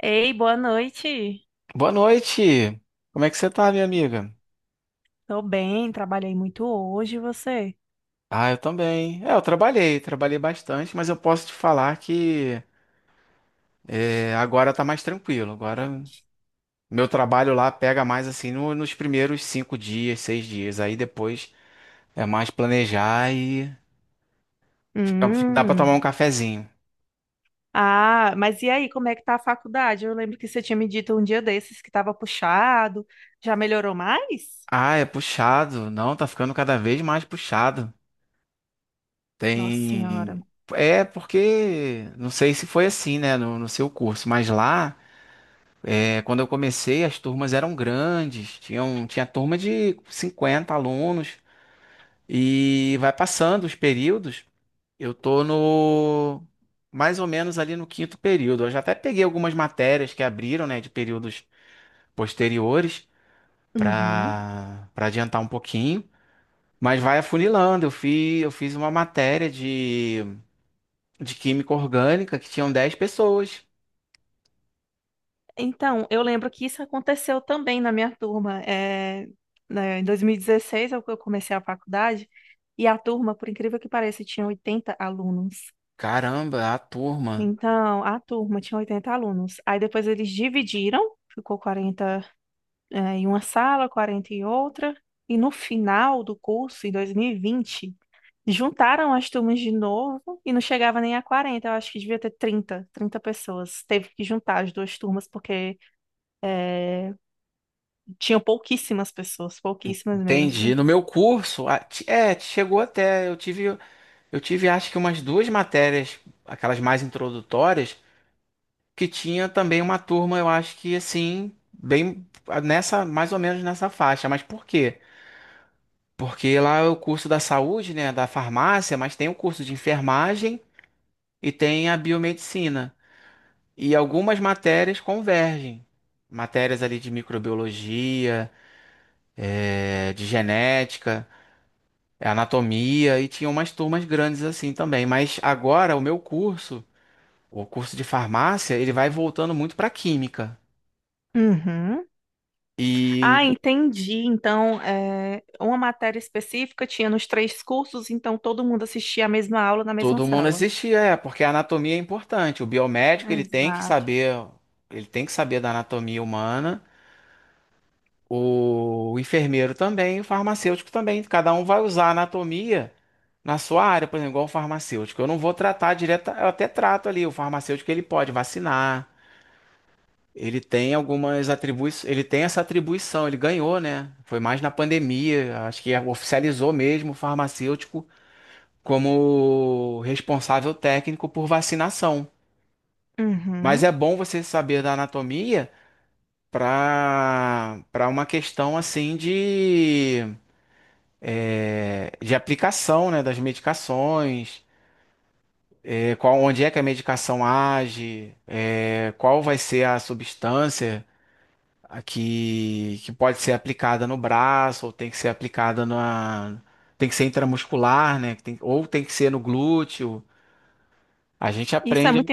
Ei, boa noite. Boa noite. Como é que você tá, minha amiga? Tô bem, trabalhei muito hoje, e você? Ah, eu também. Eu trabalhei, bastante, mas eu posso te falar que agora tá mais tranquilo. Agora meu trabalho lá pega mais assim nos primeiros cinco dias, seis dias. Aí depois é mais planejar e dá pra Hum. tomar um cafezinho. Ah, mas e aí, como é que tá a faculdade? Eu lembro que você tinha me dito um dia desses que tava puxado. Já melhorou mais? Ah, é puxado. Não, tá ficando cada vez mais puxado. Nossa Senhora. Tem. É porque não sei se foi assim, né, no seu curso, mas lá. É, quando eu comecei, as turmas eram grandes, tinha turma de 50 alunos, e vai passando os períodos. Eu tô no mais ou menos ali no quinto período. Eu já até peguei algumas matérias que abriram, né, de períodos posteriores Uhum. para adiantar um pouquinho, mas vai afunilando. Eu fiz uma matéria de química orgânica que tinham 10 pessoas. Então, eu lembro que isso aconteceu também na minha turma. É, né, em 2016 é o que eu comecei a faculdade, e a turma, por incrível que pareça, tinha 80 alunos. Caramba, a turma. Então, a turma tinha 80 alunos. Aí depois eles dividiram, ficou 40 em uma sala, 40 em outra. E no final do curso, em 2020 juntaram as turmas de novo e não chegava nem a 40. Eu acho que devia ter 30, 30 pessoas. Teve que juntar as duas turmas porque eh, tinham pouquíssimas pessoas, pouquíssimas Entendi. mesmo. No meu curso, chegou até, eu tive acho que umas duas matérias, aquelas mais introdutórias, que tinha também uma turma, eu acho que assim, bem nessa, mais ou menos nessa faixa. Mas por quê? Porque lá é o curso da saúde, né, da farmácia, mas tem o curso de enfermagem e tem a biomedicina. E algumas matérias convergem. Matérias ali de microbiologia, de genética. É anatomia e tinha umas turmas grandes assim também. Mas agora o meu curso, o curso de farmácia, ele vai voltando muito para química. Uhum. E Ah, entendi. Então, uma matéria específica tinha nos três cursos, então todo mundo assistia a mesma aula na mesma todo mundo sala. assistia, é, porque a anatomia é importante. O biomédico, ele tem que Exato. saber, ele tem que saber da anatomia humana. O enfermeiro também, o farmacêutico também. Cada um vai usar a anatomia na sua área, por exemplo, igual o farmacêutico. Eu não vou tratar direto, eu até trato ali. O farmacêutico ele pode vacinar. Ele tem algumas atribuições, ele tem essa atribuição, ele ganhou, né? Foi mais na pandemia, acho que oficializou mesmo o farmacêutico como responsável técnico por vacinação. Mas Uhum. é bom você saber da anatomia para uma questão assim de, é, de aplicação, né, das medicações, é, qual, onde é que a medicação age, é, qual vai ser a substância. A que pode ser aplicada no braço, ou tem que ser aplicada na. Tem que ser intramuscular, né? Ou tem que ser no glúteo. A gente Isso é aprende, muito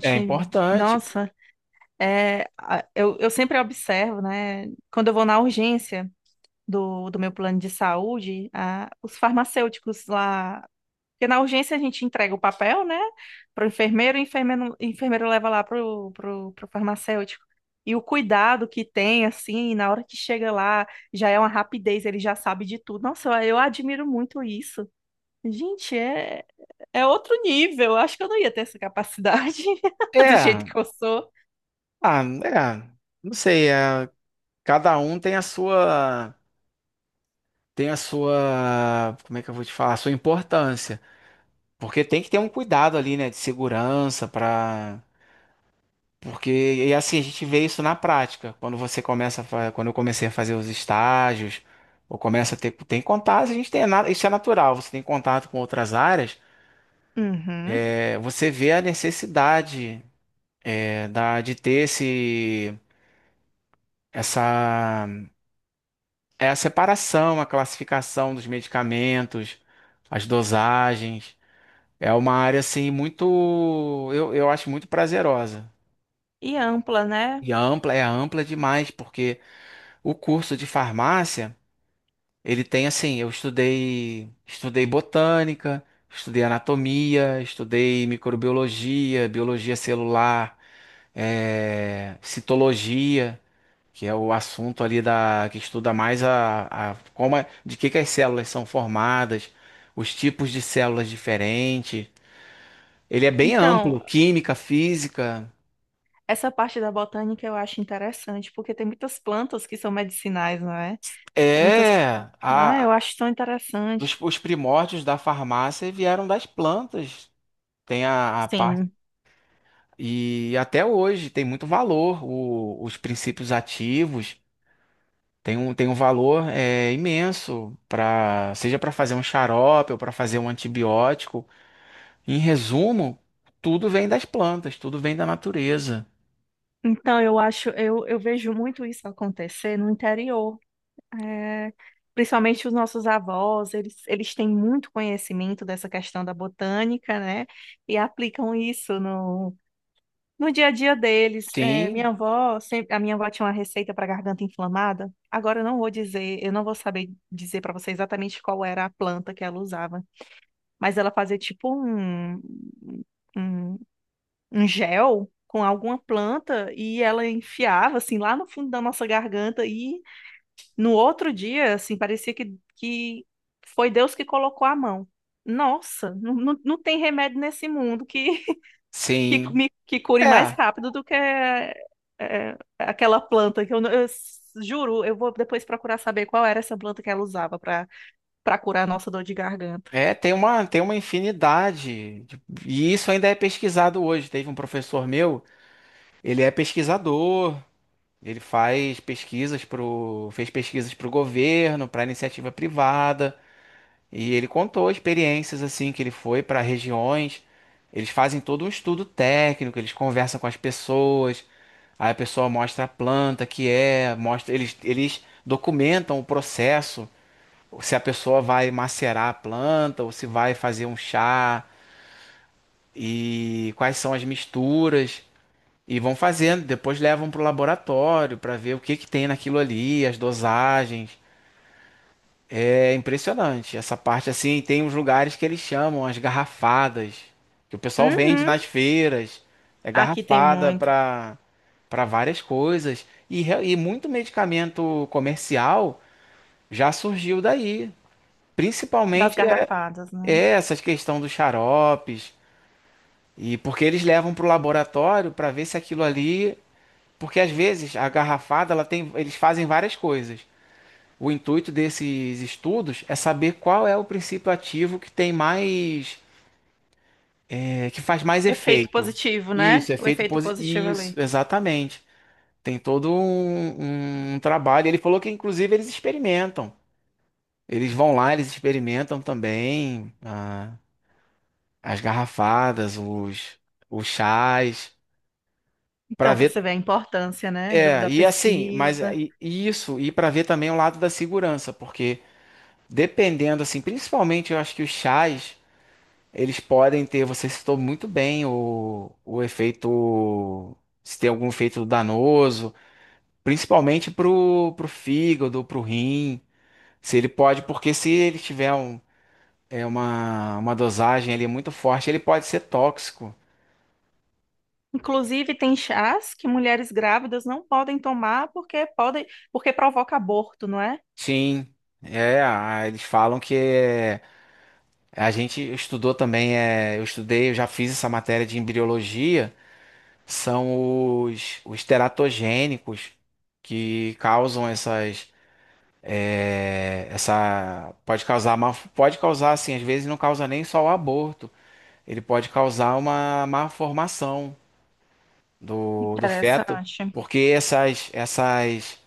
é importante. Nossa, eu sempre observo, né? Quando eu vou na urgência do meu plano de saúde, os farmacêuticos lá. Porque na urgência a gente entrega o papel, né? Para o enfermeiro, e o enfermeiro leva lá pro farmacêutico. E o cuidado que tem, assim, na hora que chega lá, já é uma rapidez, ele já sabe de tudo. Nossa, eu admiro muito isso. Gente, É outro nível. Eu acho que eu não ia ter essa capacidade do jeito É, que eu sou. ah, é, não sei, é, cada um tem a sua, como é que eu vou te falar, a sua importância. Porque tem que ter um cuidado ali, né, de segurança para. Porque, e assim, a gente vê isso na prática. Quando você quando eu comecei a fazer os estágios, ou começa a ter, tem contato, a gente tem, isso é natural, você tem contato com outras áreas, Uhum. é, você vê a necessidade, é, da, de ter esse, essa, é a separação, a classificação dos medicamentos, as dosagens. É uma área, assim, muito, eu acho muito prazerosa. E ampla, né? E é ampla demais, porque o curso de farmácia. Ele tem assim, estudei botânica, estudei anatomia, estudei microbiologia, biologia celular, citologia, que é o assunto ali da que estuda mais a, de que as células são formadas, os tipos de células diferentes. Ele é bem Então, amplo, química, física. essa parte da botânica eu acho interessante, porque tem muitas plantas que são medicinais, não é? Tem muitas. É, Ah, eu a, acho tão dos, interessante. os primórdios da farmácia vieram das plantas. Tem a parte. Sim. E até hoje tem muito valor os princípios ativos. Tem um valor é, imenso para seja para fazer um xarope ou para fazer um antibiótico. Em resumo, tudo vem das plantas, tudo vem da natureza. Então, eu vejo muito isso acontecer no interior. É, principalmente os nossos avós, eles têm muito conhecimento dessa questão da botânica, né? E aplicam isso no dia a dia deles. é, minha Sim, avó, sempre, a minha avó tinha uma receita para garganta inflamada. Agora eu não vou saber dizer para você exatamente qual era a planta que ela usava, mas ela fazia tipo um, um gel com alguma planta e ela enfiava assim lá no fundo da nossa garganta e no outro dia, assim, parecia que foi Deus que colocou a mão. Nossa, não tem remédio nesse mundo que que sim. me que cure mais É, rápido do que aquela planta que eu, não- eu s- juro, eu vou depois procurar saber qual era essa planta que ela usava para curar a nossa dor de garganta. é, tem uma infinidade. De. E isso ainda é pesquisado hoje. Teve um professor meu, ele é pesquisador, ele faz pesquisas pro, fez pesquisas para o governo, para iniciativa privada. E ele contou experiências assim que ele foi para regiões. Eles fazem todo um estudo técnico, eles conversam com as pessoas, aí a pessoa mostra a planta que é, mostra, eles documentam o processo, se a pessoa vai macerar a planta ou se vai fazer um chá e quais são as misturas e vão fazendo, depois levam para o laboratório para ver o que que tem naquilo ali, as dosagens. É impressionante. Essa parte assim, tem uns lugares que eles chamam as garrafadas, que o pessoal vende Uhum. nas feiras. É Aqui tem garrafada muito para para várias coisas. E, e muito medicamento comercial já surgiu daí. das Principalmente é, garrafadas, é né? essas questão dos xaropes. E porque eles levam para o laboratório para ver se aquilo ali. Porque às vezes a garrafada, ela tem, eles fazem várias coisas. O intuito desses estudos é saber qual é o princípio ativo que tem mais, é, que faz mais Efeito efeito. positivo, né? Isso, O efeito efeito positivo. positivo Isso, ali. exatamente. Um trabalho. Ele falou que, inclusive, eles experimentam. Eles vão lá, eles experimentam também as garrafadas, os chás, para Então, para ver. você ver a importância, né, É, da e assim, mas pesquisa. E isso, e para ver também o lado da segurança, porque dependendo, assim, principalmente eu acho que os chás. Eles podem ter, você citou muito bem o efeito, se tem algum efeito danoso, pro fígado, pro rim, se ele pode, porque se ele tiver um, é uma dosagem ali muito forte, ele pode ser tóxico. Inclusive, tem chás que mulheres grávidas não podem tomar porque provoca aborto, não é? Sim, é, eles falam que é, a gente estudou também, é, eu estudei, eu já fiz essa matéria de embriologia, são os teratogênicos que causam essas. É, essa pode causar má, pode causar assim, às vezes não causa nem só o aborto, ele pode causar uma má formação do feto, Interessante. porque essas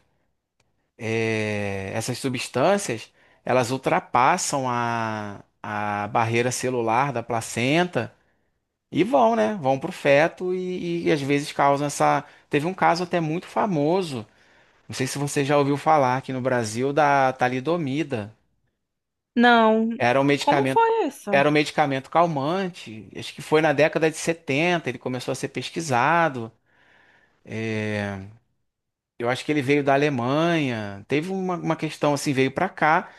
é, essas substâncias elas ultrapassam a barreira celular da placenta e vão, né? Vão para o feto e às vezes causam essa. Teve um caso até muito famoso, não sei se você já ouviu falar aqui no Brasil da talidomida. Não. Era um Como medicamento, foi era isso? um medicamento calmante. Acho que foi na década de 70 ele começou a ser pesquisado. Eu acho que ele veio da Alemanha. Teve uma questão assim, veio para cá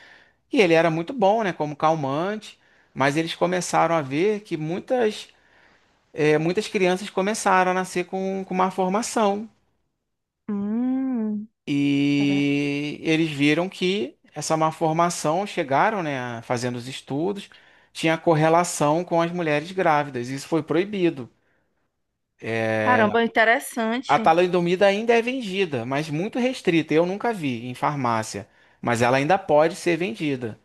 e ele era muito bom, né, como calmante, mas eles começaram a ver que muitas muitas crianças começaram a nascer com uma formação. Hum, cara- E eles viram que essa má formação, chegaram, né, fazendo os estudos, tinha correlação com as mulheres grávidas. Isso foi proibido. caramba, A interessante. talidomida ainda é vendida, mas muito restrita. Eu nunca vi em farmácia, mas ela ainda pode ser vendida.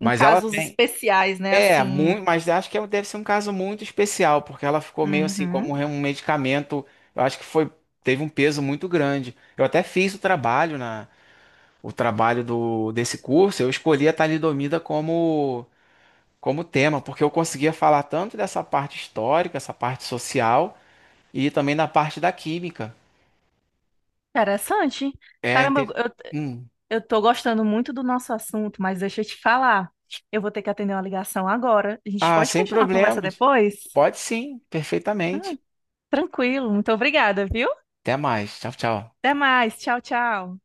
Em ela casos vem. especiais, né? É, Assim. muito, mas acho que deve ser um caso muito especial, porque ela ficou meio assim Uhum, como um medicamento. Eu acho que foi, teve um peso muito grande. Eu até fiz o trabalho do, desse curso. Eu escolhi a talidomida como como tema, porque eu conseguia falar tanto dessa parte histórica, essa parte social e também da parte da química. interessante. É, Caramba, eu, inte- eu Hum. eu tô gostando muito do nosso assunto, mas deixa eu te falar. Eu vou ter que atender uma ligação agora. A gente Ah, pode sem continuar a conversa problemas. depois? Pode sim, Ah, perfeitamente. tranquilo, muito obrigada, viu? Até mais. Tchau, tchau. Até mais. Tchau, tchau.